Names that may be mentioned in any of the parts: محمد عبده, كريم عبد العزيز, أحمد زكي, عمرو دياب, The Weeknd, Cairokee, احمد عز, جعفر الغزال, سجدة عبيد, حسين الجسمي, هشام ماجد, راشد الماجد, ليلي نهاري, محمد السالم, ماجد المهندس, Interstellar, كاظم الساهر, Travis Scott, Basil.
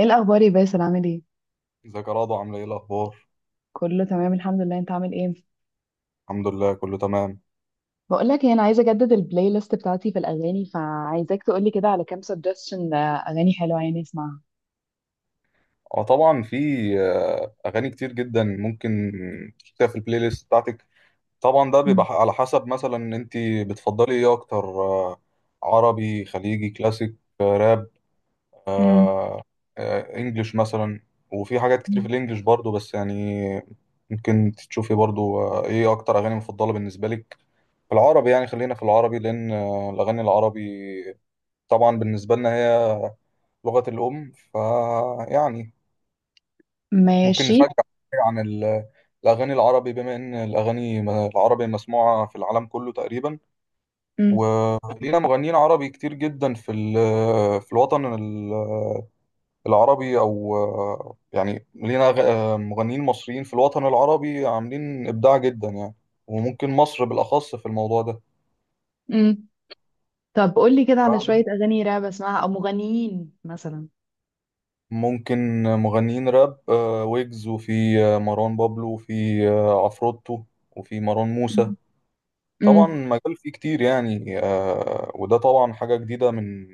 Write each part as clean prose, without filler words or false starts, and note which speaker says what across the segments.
Speaker 1: ايه الاخبار يا باسل، عامل ايه؟
Speaker 2: ازيك يا رضوى؟ عامله ايه الاخبار؟
Speaker 1: كله تمام الحمد لله. انت عامل ايه؟
Speaker 2: الحمد لله، كله تمام.
Speaker 1: بقول لك ايه، انا عايزه اجدد البلاي ليست بتاعتي في الاغاني، فعايزاك تقولي كده على كام سجستشن اغاني حلوه يعني اسمعها.
Speaker 2: اه، طبعا في اغاني كتير جدا ممكن تحطيها في البلاي ليست بتاعتك. طبعا ده بيبقى
Speaker 1: مم.
Speaker 2: على حسب، مثلا انت بتفضلي ايه اكتر؟ عربي، خليجي، كلاسيك، راب،
Speaker 1: مم.
Speaker 2: آه، انجليش مثلا. وفي حاجات كتير في الانجليش برضو، بس يعني ممكن تشوفي برضو ايه اكتر اغاني مفضله بالنسبه لك في العربي. يعني خلينا في العربي، لان الاغاني العربي طبعا بالنسبه لنا هي لغة الأم، فيعني ممكن
Speaker 1: ماشي.
Speaker 2: نشجع عن الأغاني العربي، بما إن الأغاني العربي مسموعة في العالم كله تقريبا.
Speaker 1: مم.
Speaker 2: ولينا مغنيين عربي كتير جدا في الوطن العربي، أو يعني لينا مغنيين مصريين في الوطن العربي عاملين إبداع جدا يعني. وممكن مصر بالأخص في الموضوع ده.
Speaker 1: مم. طب قولي كده على شويه اغاني راب اسمعها او مغنيين مثلا.
Speaker 2: ممكن مغنيين راب، ويجز، وفي مروان بابلو، وفي عفروتو، وفي مروان موسى.
Speaker 1: مم.
Speaker 2: طبعا
Speaker 1: مم.
Speaker 2: مجال فيه كتير يعني، وده طبعا حاجة جديدة من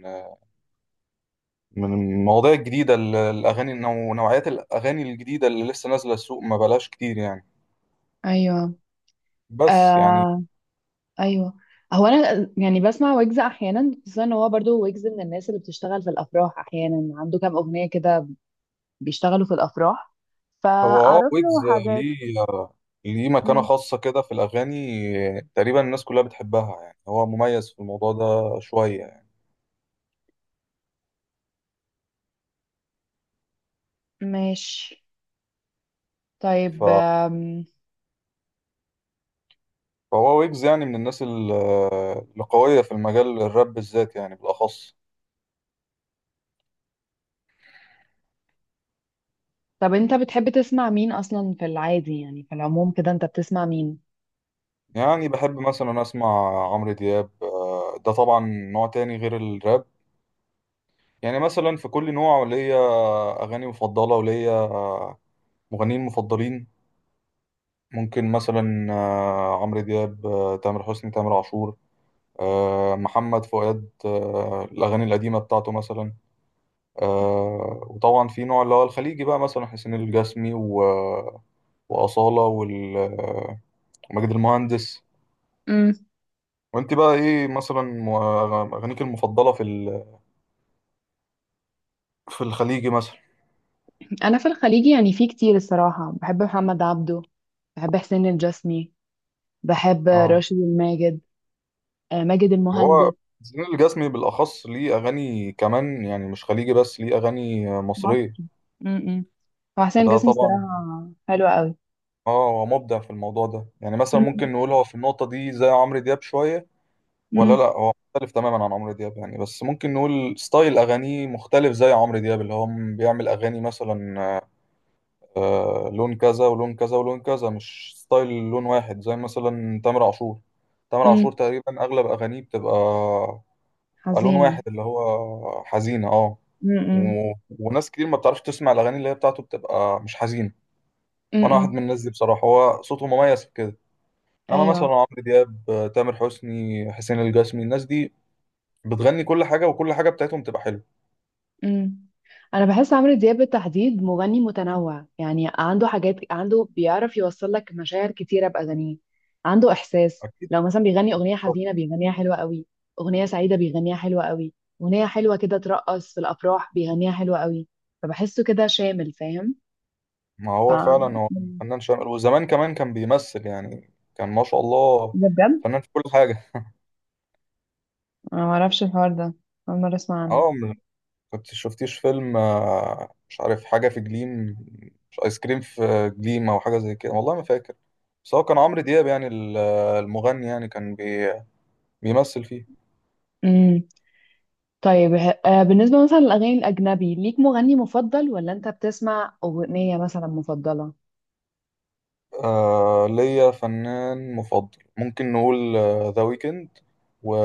Speaker 2: من المواضيع الجديدة، الأغاني نوعيات الأغاني الجديدة اللي لسه نازلة السوق، ما بلاش كتير يعني،
Speaker 1: ايوه.
Speaker 2: بس يعني.
Speaker 1: آه. ايوه. هو انا يعني بسمع ويجز احيانا، خصوصا ان هو برضو ويجز من الناس اللي بتشتغل في الافراح، احيانا عنده كام اغنيه كده بيشتغلوا في الأفراح
Speaker 2: هو اه
Speaker 1: فأعرف
Speaker 2: ويجز
Speaker 1: له حاجات.
Speaker 2: ليه آه، ليه مكانة
Speaker 1: مم،
Speaker 2: خاصة كده في الأغاني. تقريبا الناس كلها بتحبها، يعني هو مميز في الموضوع ده شوية يعني.
Speaker 1: ماشي. طيب
Speaker 2: ف- فهو ويجز يعني من الناس القوية في المجال الراب بالذات، يعني بالأخص.
Speaker 1: طب أنت بتحب تسمع مين أصلا في العادي، يعني في العموم كده أنت بتسمع مين؟
Speaker 2: يعني بحب مثلا اسمع عمرو دياب، ده طبعا نوع تاني غير الراب. يعني مثلا في كل نوع ليا اغاني مفضله وليا مغنيين مفضلين. ممكن مثلا عمرو دياب، تامر حسني، تامر عاشور، محمد فؤاد، الاغاني القديمه بتاعته مثلا، وطبعا في نوع اللي هو الخليجي بقى، مثلا حسين الجسمي واصاله وماجد المهندس.
Speaker 1: مم.
Speaker 2: وانت بقى ايه مثلا، اغانيك المفضله في الخليجي مثلا؟
Speaker 1: أنا في الخليجي يعني في كتير الصراحة، بحب محمد عبده، بحب حسين الجسمي، بحب
Speaker 2: اه،
Speaker 1: راشد الماجد، ماجد
Speaker 2: وهو
Speaker 1: المهندس.
Speaker 2: زين الجسمي بالأخص ليه أغاني كمان، يعني مش خليجي بس، ليه أغاني مصرية،
Speaker 1: مصري. م-م. هو حسين
Speaker 2: فده
Speaker 1: الجسمي
Speaker 2: طبعا.
Speaker 1: الصراحة حلوة قوي.
Speaker 2: اه، هو مبدع في الموضوع ده، يعني مثلا
Speaker 1: م-
Speaker 2: ممكن نقول هو في النقطة دي زي عمرو دياب شوية، ولا لا،
Speaker 1: م-
Speaker 2: هو مختلف تماما عن عمرو دياب يعني، بس ممكن نقول ستايل أغانيه مختلف زي عمرو دياب، اللي هو بيعمل أغاني مثلا لون كذا ولون كذا ولون كذا، مش ستايل لون واحد زي مثلا تامر عاشور. تامر
Speaker 1: م.
Speaker 2: عاشور تقريبا أغلب أغانيه بيبقى لون
Speaker 1: حزينة.
Speaker 2: واحد، اللي هو حزينة اه. و...
Speaker 1: م-م.
Speaker 2: وناس كتير ما بتعرفش تسمع الأغاني اللي هي بتاعته، بتبقى مش حزين، وأنا واحد من
Speaker 1: م-م.
Speaker 2: الناس دي بصراحة، هو صوته مميز في كده. إنما مثلا
Speaker 1: أيوة.
Speaker 2: عمرو دياب، تامر حسني، حسين الجسمي، الناس دي بتغني كل حاجة، وكل حاجة بتاعتهم تبقى حلوة.
Speaker 1: امم انا بحس عمرو دياب بالتحديد مغني متنوع، يعني عنده حاجات، عنده بيعرف يوصل لك مشاعر كتيره باغانيه. عنده احساس،
Speaker 2: أكيد.
Speaker 1: لو مثلا بيغني اغنيه
Speaker 2: طب،
Speaker 1: حزينه بيغنيها حلوه قوي، اغنيه سعيده بيغنيها حلوه قوي، اغنيه حلوه كده ترقص في الافراح بيغنيها حلوه قوي. فبحسه كده شامل، فاهم.
Speaker 2: ما
Speaker 1: ف
Speaker 2: هو فعلا هو
Speaker 1: مم.
Speaker 2: فنان شامل، وزمان كمان كان بيمثل يعني، كان ما شاء الله
Speaker 1: ده بجد.
Speaker 2: فنان في كل حاجة.
Speaker 1: انا ما اعرفش الحوار ده، اول مره اسمع عنه.
Speaker 2: اه، كنت شفتيش فيلم مش عارف حاجة في جليم، مش آيس كريم في جليم أو حاجة زي كده، والله ما فاكر. بس هو كان عمرو دياب يعني المغني يعني، كان بيمثل فيه.
Speaker 1: امم. طيب بالنسبه مثلا للاغاني الاجنبي، ليك مغني مفضل ولا انت بتسمع اغنيه مثلا مفضله؟
Speaker 2: آه، ليا فنان مفضل ممكن نقول، ذا ويكند و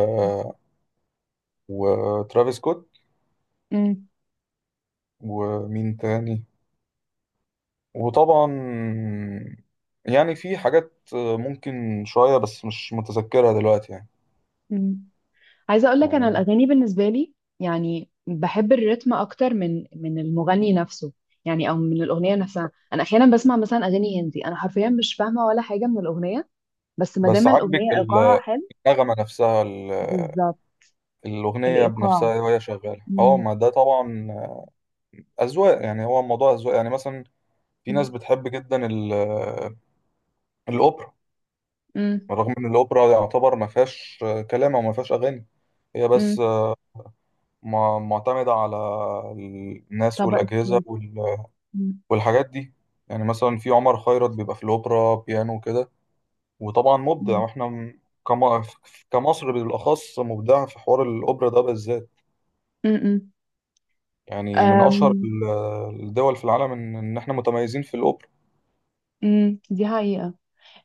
Speaker 2: وترافيس سكوت،
Speaker 1: امم.
Speaker 2: ومين تاني، وطبعا يعني في حاجات ممكن شوية بس مش متذكرها دلوقتي يعني
Speaker 1: امم. عايزه اقول لك، انا
Speaker 2: يعني
Speaker 1: الاغاني بالنسبه لي يعني بحب الريتم اكتر من المغني نفسه، يعني او من الاغنيه نفسها. انا احيانا بسمع مثلا اغاني هندي، انا حرفيا مش فاهمه ولا حاجه من الاغنيه، بس ما
Speaker 2: بس
Speaker 1: دام
Speaker 2: عاجبك
Speaker 1: الاغنيه ايقاعها حلو.
Speaker 2: النغمة نفسها،
Speaker 1: بالظبط،
Speaker 2: الأغنية
Speaker 1: الايقاع.
Speaker 2: بنفسها وهي شغالة، اه،
Speaker 1: امم.
Speaker 2: ما ده طبعا أذواق، يعني هو الموضوع أذواق. يعني مثلا في ناس بتحب جدا الأوبرا،
Speaker 1: امم.
Speaker 2: رغم إن الأوبرا يعتبر ما فيهاش كلام أو ما فيهاش أغاني، هي بس
Speaker 1: امم.
Speaker 2: معتمدة على الناس
Speaker 1: طبقه
Speaker 2: والأجهزة
Speaker 1: صوت. امم.
Speaker 2: والحاجات دي. يعني مثلا في عمر خيرت بيبقى في الأوبرا بيانو وكده، وطبعا مبدع،
Speaker 1: امم.
Speaker 2: واحنا كم- كمصر بالأخص مبدع في حوار الأوبرا ده بالذات،
Speaker 1: أم،
Speaker 2: يعني من أشهر
Speaker 1: أم،
Speaker 2: الدول في العالم إن إحنا متميزين في الأوبرا.
Speaker 1: مم. دي حقيقة.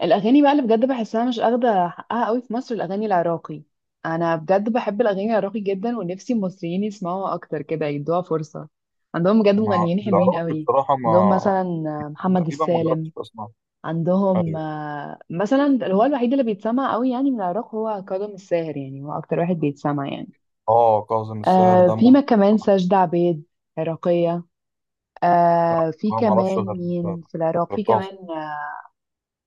Speaker 1: الاغاني بقى اللي بجد بحسها مش اخده حقها قوي في مصر، الاغاني العراقي. انا بجد بحب الاغاني العراقي جدا، ونفسي المصريين يسمعوها اكتر كده، يدوها فرصه. عندهم بجد
Speaker 2: ما
Speaker 1: مغنيين حلوين
Speaker 2: العراقي
Speaker 1: قوي.
Speaker 2: بصراحة،
Speaker 1: عندهم
Speaker 2: ما
Speaker 1: مثلا محمد
Speaker 2: تقريبا ما
Speaker 1: السالم.
Speaker 2: جربتش أسمع.
Speaker 1: عندهم
Speaker 2: أيوه،
Speaker 1: مثلا اللي هو الوحيد اللي بيتسمع قوي يعني من العراق هو كاظم الساهر، يعني هو اكتر واحد بيتسمع يعني.
Speaker 2: آه كاظم الساهر
Speaker 1: آه،
Speaker 2: ده
Speaker 1: في ما
Speaker 2: ممكن،
Speaker 1: كمان سجدة عبيد، عراقية. آه، في
Speaker 2: بقى ما أعرفش
Speaker 1: كمان
Speaker 2: غير
Speaker 1: مين في العراق،
Speaker 2: غير
Speaker 1: في
Speaker 2: كاظم.
Speaker 1: كمان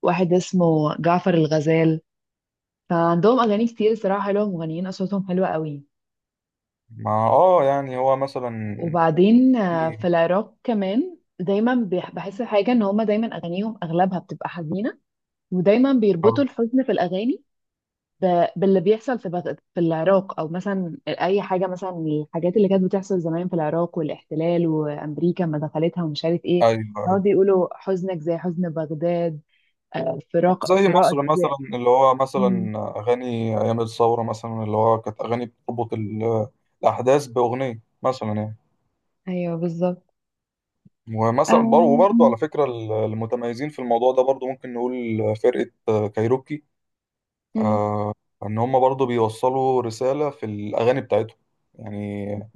Speaker 1: واحد اسمه جعفر الغزال. فعندهم أغاني كتير صراحة حلوة، مغنيين أصواتهم حلوة قوي.
Speaker 2: ما آه يعني هو مثلا
Speaker 1: وبعدين في
Speaker 2: في
Speaker 1: العراق كمان دايما بحس حاجة إن هما دايما أغانيهم أغلبها بتبقى حزينة، ودايما
Speaker 2: آه،
Speaker 1: بيربطوا الحزن في الأغاني باللي بيحصل في في العراق، أو مثلا أي حاجة، مثلا الحاجات اللي كانت بتحصل زمان في العراق والاحتلال وأمريكا ما دخلتها ومش عارف إيه.
Speaker 2: أيوه
Speaker 1: هو
Speaker 2: أيوه،
Speaker 1: بيقولوا حزنك زي حزن بغداد، فراق
Speaker 2: زي
Speaker 1: فراقك.
Speaker 2: مصر
Speaker 1: زي
Speaker 2: مثلا اللي هو
Speaker 1: مم.
Speaker 2: مثلا أغاني أيام الثورة، مثلا اللي هو كانت أغاني بتربط الأحداث بأغنية مثلا يعني.
Speaker 1: أيوه بالظبط.
Speaker 2: ومثلا وبرضه
Speaker 1: أم-.
Speaker 2: على فكرة المتميزين في الموضوع ده برضه، ممكن نقول فرقة كايروكي،
Speaker 1: مم.
Speaker 2: ان هم برضو بيوصلوا رسالة في الاغاني بتاعتهم يعني،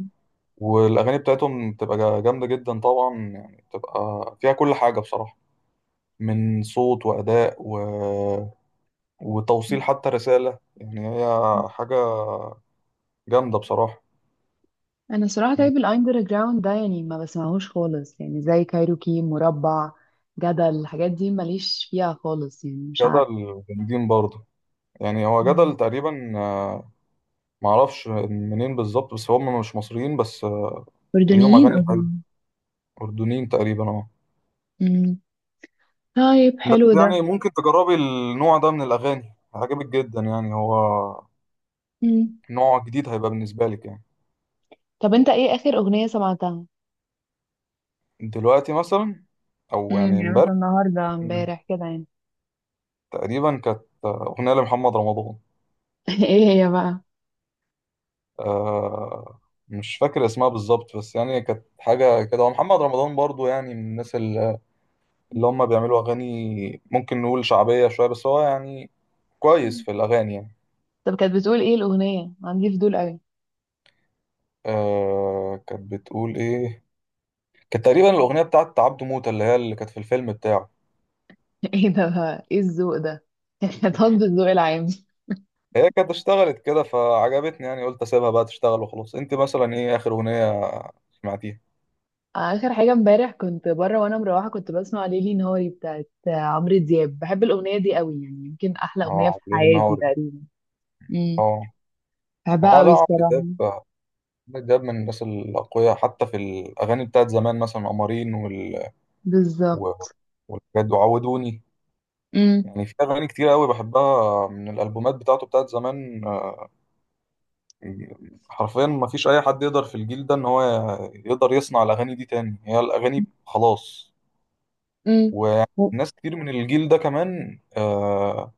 Speaker 2: والاغاني بتاعتهم بتبقى جامدة جدا طبعا يعني، بتبقى فيها كل حاجة بصراحة، من صوت واداء
Speaker 1: مم.
Speaker 2: وتوصيل حتى رسالة، يعني هي حاجة جامدة بصراحة.
Speaker 1: انا صراحه، طيب الاندر جراوند ده يعني ما بسمعهوش خالص، يعني زي كايروكي، مربع، جدل، الحاجات دي ماليش فيها خالص يعني، مش عارفه.
Speaker 2: جدل جامدين برضه، يعني هو
Speaker 1: مم.
Speaker 2: جدل تقريبا، معرفش منين بالظبط، بس هم مش مصريين بس، ليهم
Speaker 1: أردنيين
Speaker 2: أغاني
Speaker 1: قصدي.
Speaker 2: حلوة، أردنيين تقريبا اه.
Speaker 1: امم. طيب
Speaker 2: بس
Speaker 1: حلو ده.
Speaker 2: يعني ممكن تجربي النوع ده من الأغاني، هيعجبك جدا، يعني هو
Speaker 1: امم.
Speaker 2: نوع جديد هيبقى بالنسبة لك يعني.
Speaker 1: طب انت ايه اخر اغنيه سمعتها؟
Speaker 2: دلوقتي مثلا، أو
Speaker 1: امم،
Speaker 2: يعني
Speaker 1: يعني
Speaker 2: امبارح،
Speaker 1: مثلا النهارده امبارح كده يعني.
Speaker 2: تقريبا كانت أغنية لمحمد رمضان.
Speaker 1: ايه هي بقى؟
Speaker 2: آه، مش فاكر اسمها بالظبط، بس يعني كانت حاجة كده، ومحمد رمضان برضو يعني من الناس اللي هم بيعملوا أغاني ممكن نقول شعبية شوية، بس هو يعني كويس في الأغاني يعني.
Speaker 1: طب كانت بتقول ايه الاغنيه، عندي فضول قوي.
Speaker 2: آه، كانت بتقول إيه، كانت تقريبا الأغنية بتاعت عبده موتة، اللي هي اللي كانت في الفيلم بتاعه،
Speaker 1: ايه ده بقى؟ ايه الذوق ده؟ احنا طب الذوق العام.
Speaker 2: هي كانت اشتغلت كده فعجبتني، يعني قلت اسيبها بقى تشتغل وخلاص. انت مثلا ايه اخر اغنيه سمعتيها؟
Speaker 1: اخر حاجه امبارح كنت بره وانا مروحه، كنت بسمع ليلي نهاري بتاعت عمرو دياب، بحب الاغنيه دي قوي، يعني يمكن احلى اغنيه في
Speaker 2: اه ليل
Speaker 1: حياتي
Speaker 2: نهاري
Speaker 1: تقريبا. امم.
Speaker 2: اه. ما
Speaker 1: بحبها
Speaker 2: هو
Speaker 1: قوي
Speaker 2: لا، عمرو
Speaker 1: الصراحه.
Speaker 2: دياب، عمرو دياب من الناس الاقوياء حتى في الاغاني بتاعت زمان، مثلا قمرين و-
Speaker 1: بالظبط.
Speaker 2: والحاجات دي وعودوني،
Speaker 1: امم.
Speaker 2: يعني في اغاني كتير قوي بحبها من الالبومات بتاعته بتاعت زمان، حرفيا ما فيش اي حد يقدر في الجيل ده ان هو يقدر يصنع الاغاني دي تاني، هي الاغاني خلاص.
Speaker 1: امم. و-
Speaker 2: وناس كتير من الجيل ده كمان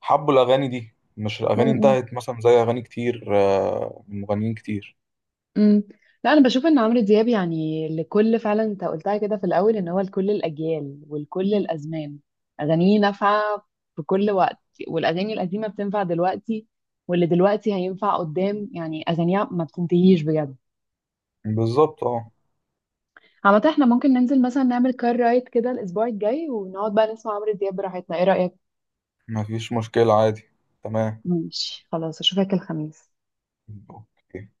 Speaker 2: حبوا الأغاني دي، مش الأغاني
Speaker 1: امم.
Speaker 2: انتهت مثلا زي أغاني كتير من مغنيين كتير.
Speaker 1: أمم. لا انا بشوف ان عمرو دياب يعني لكل، فعلا انت قلتها كده في الاول، ان هو لكل الاجيال ولكل الازمان، اغانيه نافعه في كل وقت. والاغاني القديمه بتنفع دلوقتي، واللي دلوقتي هينفع قدام، يعني اغانيها ما بتنتهيش بجد.
Speaker 2: بالظبط اه.
Speaker 1: عامة احنا ممكن ننزل مثلا نعمل كار رايد كده الأسبوع الجاي، ونقعد بقى نسمع عمرو دياب براحتنا، ايه رأيك؟
Speaker 2: مفيش مشكلة، عادي. تمام.
Speaker 1: ماشي خلاص، أشوفك الخميس.
Speaker 2: أوكي.